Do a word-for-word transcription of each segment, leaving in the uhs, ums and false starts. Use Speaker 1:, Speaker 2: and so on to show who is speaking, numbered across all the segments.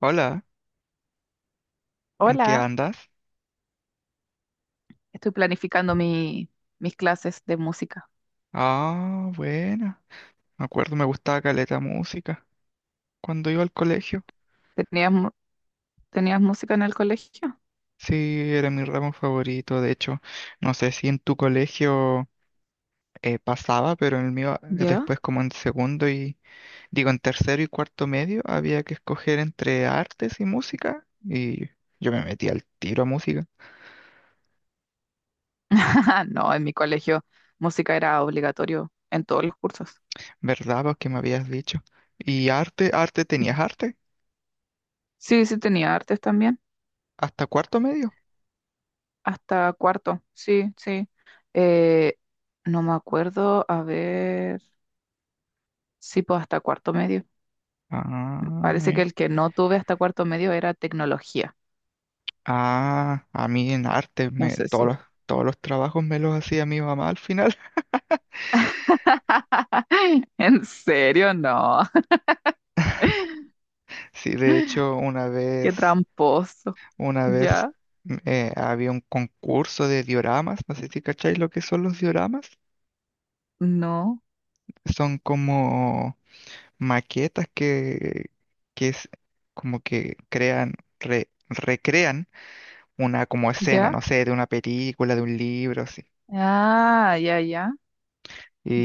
Speaker 1: Hola, ¿en qué
Speaker 2: Hola,
Speaker 1: andas?
Speaker 2: estoy planificando mi, mis clases de música.
Speaker 1: Ah, buena. Me acuerdo, me gustaba caleta música cuando iba al colegio.
Speaker 2: ¿Tenías, mu- ¿Tenías música en el colegio?
Speaker 1: Sí, era mi ramo favorito. De hecho, no sé si en tu colegio eh, pasaba, pero en el mío eh,
Speaker 2: ¿Ya?
Speaker 1: después como en segundo y digo en tercero y cuarto medio había que escoger entre artes y música y yo me metí al tiro a música,
Speaker 2: No, en mi colegio música era obligatorio en todos los cursos.
Speaker 1: ¿verdad? Porque me habías dicho. ¿Y arte, arte tenías arte?
Speaker 2: Sí, sí tenía artes también,
Speaker 1: ¿Hasta cuarto medio?
Speaker 2: hasta cuarto, sí, sí. Eh, no me acuerdo, a ver, sí, pues hasta cuarto medio.
Speaker 1: Ah,
Speaker 2: Parece que el que no tuve hasta cuarto medio era tecnología,
Speaker 1: ah, a mí en arte,
Speaker 2: no
Speaker 1: me,
Speaker 2: sé
Speaker 1: todos
Speaker 2: si.
Speaker 1: los, todos los trabajos me los hacía mi mamá al final.
Speaker 2: ¿En serio? No,
Speaker 1: Sí, de hecho, una
Speaker 2: qué
Speaker 1: vez,
Speaker 2: tramposo,
Speaker 1: una vez
Speaker 2: ya,
Speaker 1: m- eh, había un concurso de dioramas, no sé si cacháis lo que son los dioramas.
Speaker 2: no.
Speaker 1: Son como maquetas que, que es como que crean, re- recrean una como escena,
Speaker 2: ¿Ya?
Speaker 1: no sé, de una película, de un libro, así.
Speaker 2: Ah, ya, ya,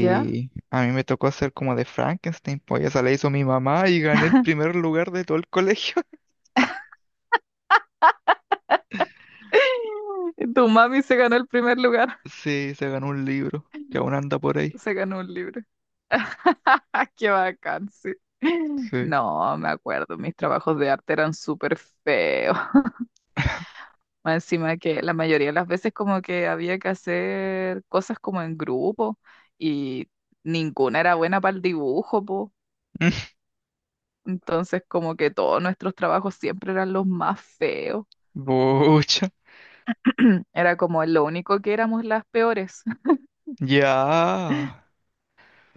Speaker 2: ya.
Speaker 1: a mí me tocó hacer como de Frankenstein, pues esa la hizo mi mamá y gané el primer lugar de todo el colegio.
Speaker 2: Tu mami se ganó el primer lugar.
Speaker 1: Sí, se ganó un libro que aún anda por ahí.
Speaker 2: Se ganó un libro. Qué bacán, sí.
Speaker 1: Sí.
Speaker 2: No, me acuerdo, mis trabajos de arte eran súper feos. Más encima que la mayoría de las veces como que había que hacer cosas como en grupo y ninguna era buena para el dibujo, po. Entonces como que todos nuestros trabajos siempre eran los más feos.
Speaker 1: Bucha.
Speaker 2: Era como lo único que éramos las peores.
Speaker 1: Ya.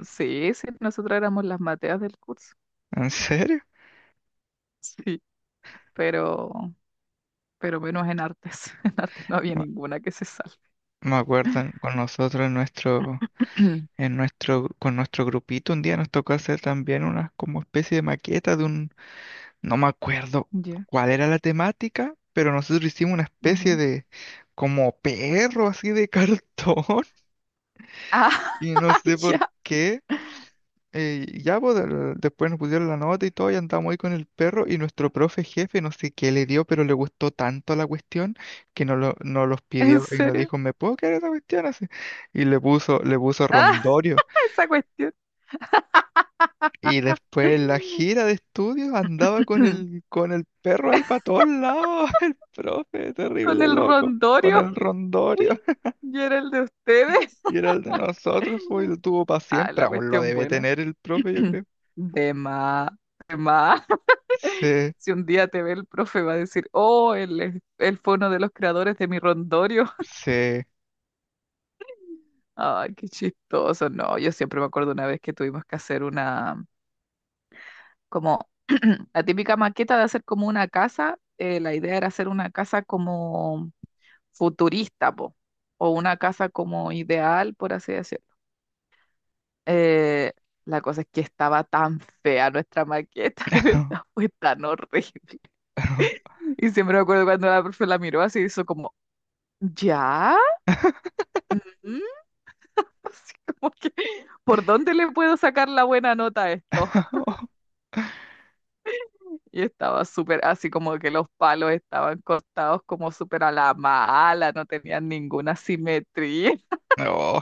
Speaker 2: Sí, sí, nosotros éramos las mateas del curso.
Speaker 1: ¿En serio?
Speaker 2: Sí, pero, pero menos en artes. En artes no había
Speaker 1: Me
Speaker 2: ninguna que se salve.
Speaker 1: me acuerdo en- con nosotros en nuestro, en nuestro, con nuestro grupito un día nos tocó hacer también una como especie de maqueta de un, no me acuerdo
Speaker 2: Ya,
Speaker 1: cuál era la temática, pero nosotros hicimos una especie
Speaker 2: ya.
Speaker 1: de como perro así de cartón.
Speaker 2: Ah,
Speaker 1: Y no sé por
Speaker 2: ya,
Speaker 1: qué. eh, ya pues, del- después nos pusieron la nota y todo, y andamos ahí con el perro. Y nuestro profe jefe, no sé qué le dio, pero le gustó tanto la cuestión que nos, lo, nos los
Speaker 2: ¿en
Speaker 1: pidió y nos
Speaker 2: serio?
Speaker 1: dijo, ¿me puedo quedar esa cuestión así? Y le puso, le puso
Speaker 2: Ah,
Speaker 1: rondorio.
Speaker 2: esa cuestión.
Speaker 1: Y después en la gira de estudios andaba con el, con el perro ahí para todos lados, el profe,
Speaker 2: Con
Speaker 1: terrible
Speaker 2: el
Speaker 1: loco, con
Speaker 2: rondorio.
Speaker 1: el rondorio.
Speaker 2: Y era el de ustedes.
Speaker 1: Y era el de nosotros, pues, y lo tuvo para
Speaker 2: Ah,
Speaker 1: siempre.
Speaker 2: la
Speaker 1: Aún lo
Speaker 2: cuestión
Speaker 1: debe
Speaker 2: buena.
Speaker 1: tener el profe, yo creo.
Speaker 2: De más, de más.
Speaker 1: Sí.
Speaker 2: Si un día te ve el profe, va a decir, oh, él, es- él fue uno de los creadores de mi rondorio.
Speaker 1: Sí.
Speaker 2: Ay, qué chistoso. No, yo siempre me acuerdo una vez que tuvimos que hacer una, como la típica maqueta de hacer como una casa. Eh, la idea era hacer una casa como futurista, po, o una casa como ideal, por así decirlo. Eh, la cosa es que estaba tan fea nuestra maqueta, de verdad, fue tan horrible. Y siempre me acuerdo cuando la profe la miró así, hizo como, ¿ya? ¿Mm? Así como que, ¿por dónde le puedo sacar la buena nota a esto? Y estaba súper, así como que los palos estaban cortados como súper a la mala, no tenían ninguna simetría.
Speaker 1: No,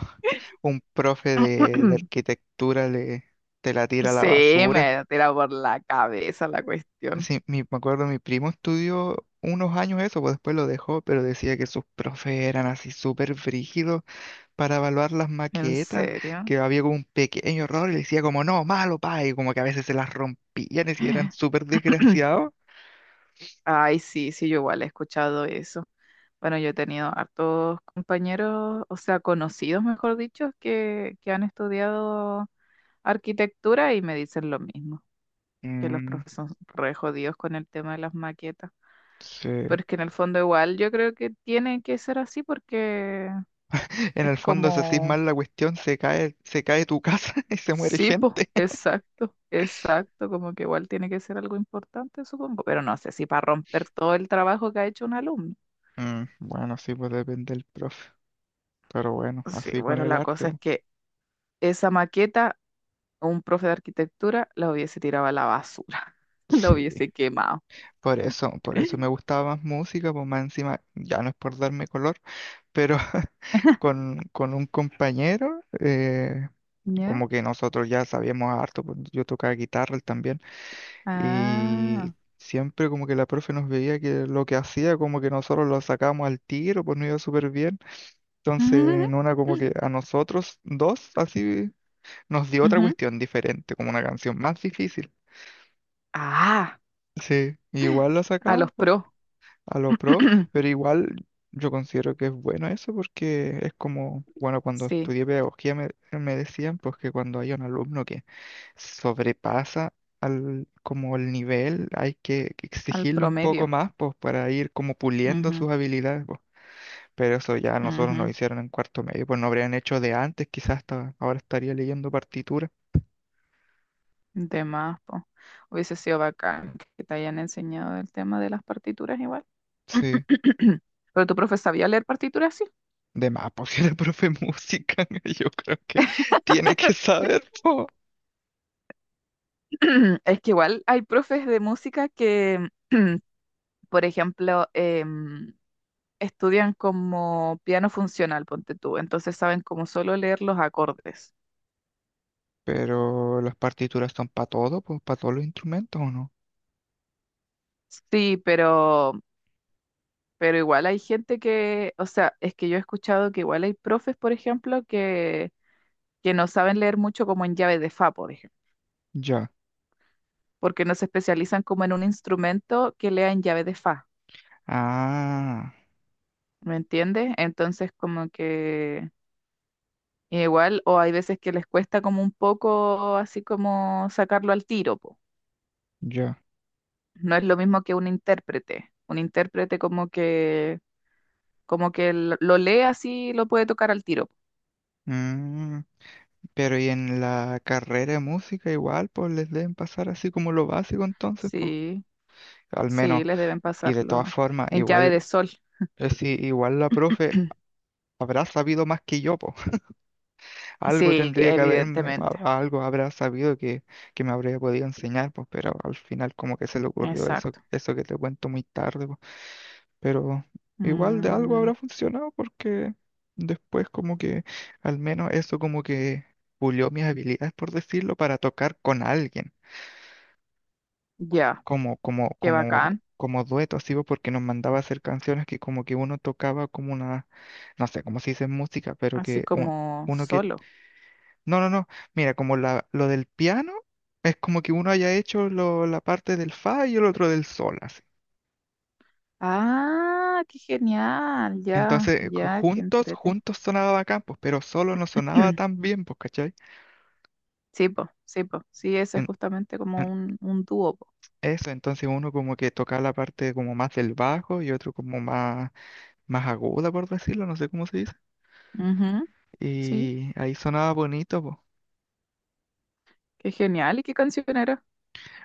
Speaker 1: un profe de, de arquitectura le, te la tira a la
Speaker 2: Sí,
Speaker 1: basura.
Speaker 2: me tira por la cabeza la cuestión.
Speaker 1: Sí, mi- me acuerdo, mi primo estudió unos años eso, pues después lo dejó, pero decía que sus profes eran así súper frígidos para evaluar las
Speaker 2: ¿En
Speaker 1: maquetas,
Speaker 2: serio?
Speaker 1: que había como un pequeño error y le decía como, no, malo, pa, y como que a veces se las rompían y si eran súper desgraciados.
Speaker 2: Ay, sí, sí, yo igual he escuchado eso. Bueno, yo he tenido hartos compañeros, o sea, conocidos, mejor dicho, que, que han estudiado arquitectura y me dicen lo mismo, que los
Speaker 1: Mm,
Speaker 2: profesores son re jodidos con el tema de las maquetas.
Speaker 1: sí.
Speaker 2: Pero es que en el fondo igual yo creo que tiene que ser así porque
Speaker 1: En
Speaker 2: es
Speaker 1: el fondo, si hacís
Speaker 2: como,
Speaker 1: mal la cuestión, se cae, se cae tu casa y se muere
Speaker 2: sí, po,
Speaker 1: gente.
Speaker 2: exacto, exacto, como que igual tiene que ser algo importante, supongo, pero no sé si para romper todo el trabajo que ha hecho un alumno.
Speaker 1: Mm, bueno, sí, pues depende del profe. Pero bueno,
Speaker 2: Sí,
Speaker 1: así con
Speaker 2: bueno,
Speaker 1: el
Speaker 2: la
Speaker 1: arte,
Speaker 2: cosa es
Speaker 1: pues.
Speaker 2: que esa maqueta, un profe de arquitectura la hubiese tirado a la basura, la
Speaker 1: Sí.
Speaker 2: hubiese quemado.
Speaker 1: Por eso, por eso me gustaba más música, pues más encima, ya no es por darme color, pero con, con un compañero, eh,
Speaker 2: ¿Ya?
Speaker 1: como que nosotros ya sabíamos harto, pues, yo tocaba guitarra él también, y
Speaker 2: Ah.
Speaker 1: siempre como que la profe nos veía que lo que hacía, como que nosotros lo sacábamos al tiro, pues no iba súper bien. Entonces, en una como que a nosotros dos, así, nos dio otra
Speaker 2: Ujú.
Speaker 1: cuestión diferente, como una canción más difícil.
Speaker 2: Ah,
Speaker 1: Sí, igual la
Speaker 2: a los
Speaker 1: sacamos po,
Speaker 2: pro.
Speaker 1: a lo pro, pero igual yo considero que es bueno eso porque es como, bueno, cuando
Speaker 2: Sí,
Speaker 1: estudié pedagogía me, me decían pues que cuando hay un alumno que sobrepasa al, como el nivel, hay que
Speaker 2: al
Speaker 1: exigirle un poco
Speaker 2: promedio.
Speaker 1: más pues para ir como puliendo
Speaker 2: Ujú,
Speaker 1: sus habilidades. Pero eso ya nosotros nos
Speaker 2: ujú.
Speaker 1: hicieron en cuarto medio, pues no habrían hecho de antes, quizás hasta ahora estaría leyendo partitura.
Speaker 2: De más, po. Hubiese sido bacán que te hayan enseñado el tema de las partituras igual.
Speaker 1: Sí,
Speaker 2: Pero tu profe sabía leer partituras, sí.
Speaker 1: de más, pues si era profe de música, yo creo que tiene que saber, po.
Speaker 2: Es que igual hay profes de música que, por ejemplo, em, estudian como piano funcional, ponte tú. Entonces saben como solo leer los acordes.
Speaker 1: Pero las partituras son para todo, pues para todos los instrumentos, ¿o no?
Speaker 2: Sí, pero, pero igual hay gente que, o sea, es que yo he escuchado que igual hay profes, por ejemplo, que no saben leer mucho como en llave de fa, por ejemplo,
Speaker 1: Ya.
Speaker 2: porque no se especializan como en un instrumento que lea en llave de fa,
Speaker 1: Ah,
Speaker 2: ¿me entiendes? Entonces como que igual, o hay veces que les cuesta como un poco así como sacarlo al tiro, po.
Speaker 1: ya.
Speaker 2: No es lo mismo que un intérprete, un intérprete como que, como que lo lo lee así y lo puede tocar al tiro.
Speaker 1: Mm, pero y en la carrera de música igual, pues les deben pasar así como lo básico entonces, pues.
Speaker 2: Sí,
Speaker 1: Al
Speaker 2: sí,
Speaker 1: menos,
Speaker 2: les deben
Speaker 1: y de todas
Speaker 2: pasarlo
Speaker 1: formas,
Speaker 2: en llave
Speaker 1: igual,
Speaker 2: de sol.
Speaker 1: eh, sí, igual la profe habrá sabido más que yo, pues. Algo
Speaker 2: Sí,
Speaker 1: tendría que haberme,
Speaker 2: evidentemente.
Speaker 1: a- algo habrá sabido que, que me habría podido enseñar, pues, pero al final como que se le ocurrió eso,
Speaker 2: Exacto.
Speaker 1: eso que te cuento muy tarde, pues. Pero igual de algo
Speaker 2: Mm,
Speaker 1: habrá funcionado porque después como que al menos eso como que pulió mis habilidades, por decirlo, para tocar con alguien,
Speaker 2: ya.
Speaker 1: como, como,
Speaker 2: Qué
Speaker 1: como,
Speaker 2: bacán,
Speaker 1: como dueto, así, pues, porque nos mandaba a hacer canciones que como que uno tocaba como una, no sé cómo se dice en música, pero
Speaker 2: así
Speaker 1: que un-
Speaker 2: como
Speaker 1: uno.
Speaker 2: solo.
Speaker 1: No, no, no. Mira, como la, lo del piano es como que uno haya hecho lo- la parte del fa y el otro del sol, así.
Speaker 2: Ah, qué genial, ya,
Speaker 1: Entonces, ju-
Speaker 2: ya, qué
Speaker 1: juntos,
Speaker 2: entrete.
Speaker 1: juntos sonaba bacán, pues, pero solo no sonaba tan bien, pues, ¿cachai?
Speaker 2: Sí, po, sí, po, sí, ese es
Speaker 1: En-
Speaker 2: justamente
Speaker 1: en-
Speaker 2: como un, un dúo, po.
Speaker 1: eso, entonces uno como que tocaba la parte como más del bajo y otro como más, más aguda, por decirlo, no sé cómo se dice.
Speaker 2: Ujú, sí,
Speaker 1: Y ahí sonaba bonito, pues.
Speaker 2: qué genial, ¿y qué canción era?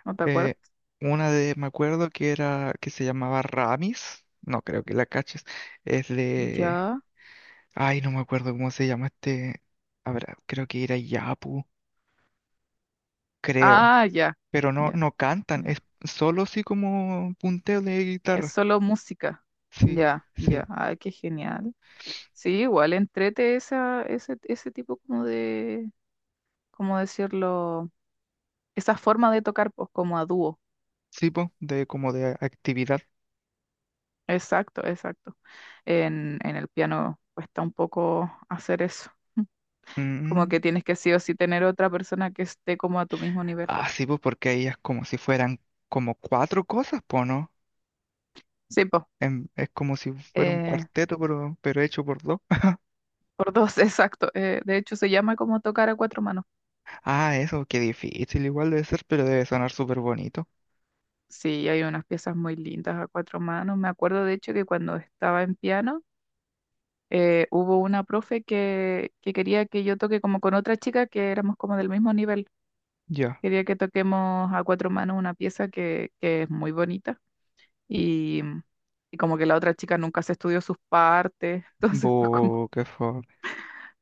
Speaker 2: ¿No te acuerdas?
Speaker 1: Eh, una de, me acuerdo que era, que se llamaba Ramis, no creo que la caches, es de
Speaker 2: Ya,
Speaker 1: ay, no me acuerdo cómo se llama este. Habrá, creo que era Yapu, creo.
Speaker 2: ah, ya,
Speaker 1: Pero no,
Speaker 2: ya,
Speaker 1: no cantan,
Speaker 2: ya.
Speaker 1: es solo así como punteo de
Speaker 2: Es
Speaker 1: guitarra.
Speaker 2: solo música,
Speaker 1: Sí,
Speaker 2: ya,
Speaker 1: sí,
Speaker 2: ya, ay, qué genial. Sí, igual entrete esa, ese, ese tipo como de, ¿cómo decirlo? Esa forma de tocar, pues, como a dúo.
Speaker 1: sí, po, de como de actividad.
Speaker 2: Exacto, exacto. En, en el piano cuesta un poco hacer eso. Como que
Speaker 1: Mm.
Speaker 2: tienes que sí o sí tener otra persona que esté como a tu mismo nivel.
Speaker 1: Ah, sí, pues porque ahí es como si fueran como cuatro cosas, po, ¿no?
Speaker 2: Sí, po.
Speaker 1: En- es como si fuera un
Speaker 2: eh,
Speaker 1: cuarteto, pero, pero hecho por dos.
Speaker 2: por dos, exacto. Eh, de hecho, se llama como tocar a cuatro manos.
Speaker 1: Ah, eso, qué difícil igual debe ser, pero debe sonar súper bonito.
Speaker 2: Sí, hay unas piezas muy lindas a cuatro manos. Me acuerdo, de hecho, que cuando estaba en piano, eh, hubo una profe que, que quería que yo toque como con otra chica que éramos como del mismo nivel.
Speaker 1: Ya.
Speaker 2: Quería que toquemos a cuatro manos una pieza que, que es muy bonita y, y como que la otra chica nunca se estudió sus partes, entonces fue como,
Speaker 1: Bu, qué fue.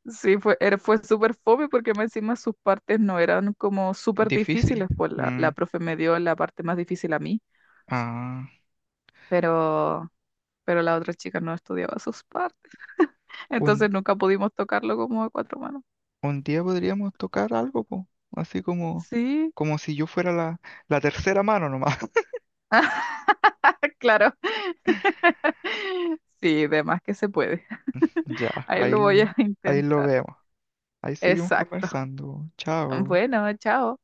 Speaker 2: sí, fue, era- fue súper fome porque más encima sus partes no eran como súper
Speaker 1: Difícil.
Speaker 2: difíciles, pues la, la
Speaker 1: Mm.
Speaker 2: profe me dio la parte más difícil a mí,
Speaker 1: Ah.
Speaker 2: pero, pero la otra chica no estudiaba sus partes, entonces
Speaker 1: un
Speaker 2: nunca pudimos tocarlo como a cuatro manos.
Speaker 1: Un día podríamos tocar algo, po, así como,
Speaker 2: Sí,
Speaker 1: como si yo fuera la, la tercera mano nomás.
Speaker 2: claro. Sí, de más que se puede.
Speaker 1: Ya,
Speaker 2: Ahí
Speaker 1: ahí,
Speaker 2: lo voy
Speaker 1: lo-
Speaker 2: a
Speaker 1: ahí lo
Speaker 2: intentar.
Speaker 1: vemos. Ahí seguimos
Speaker 2: Exacto.
Speaker 1: conversando. Chao.
Speaker 2: Bueno, chao.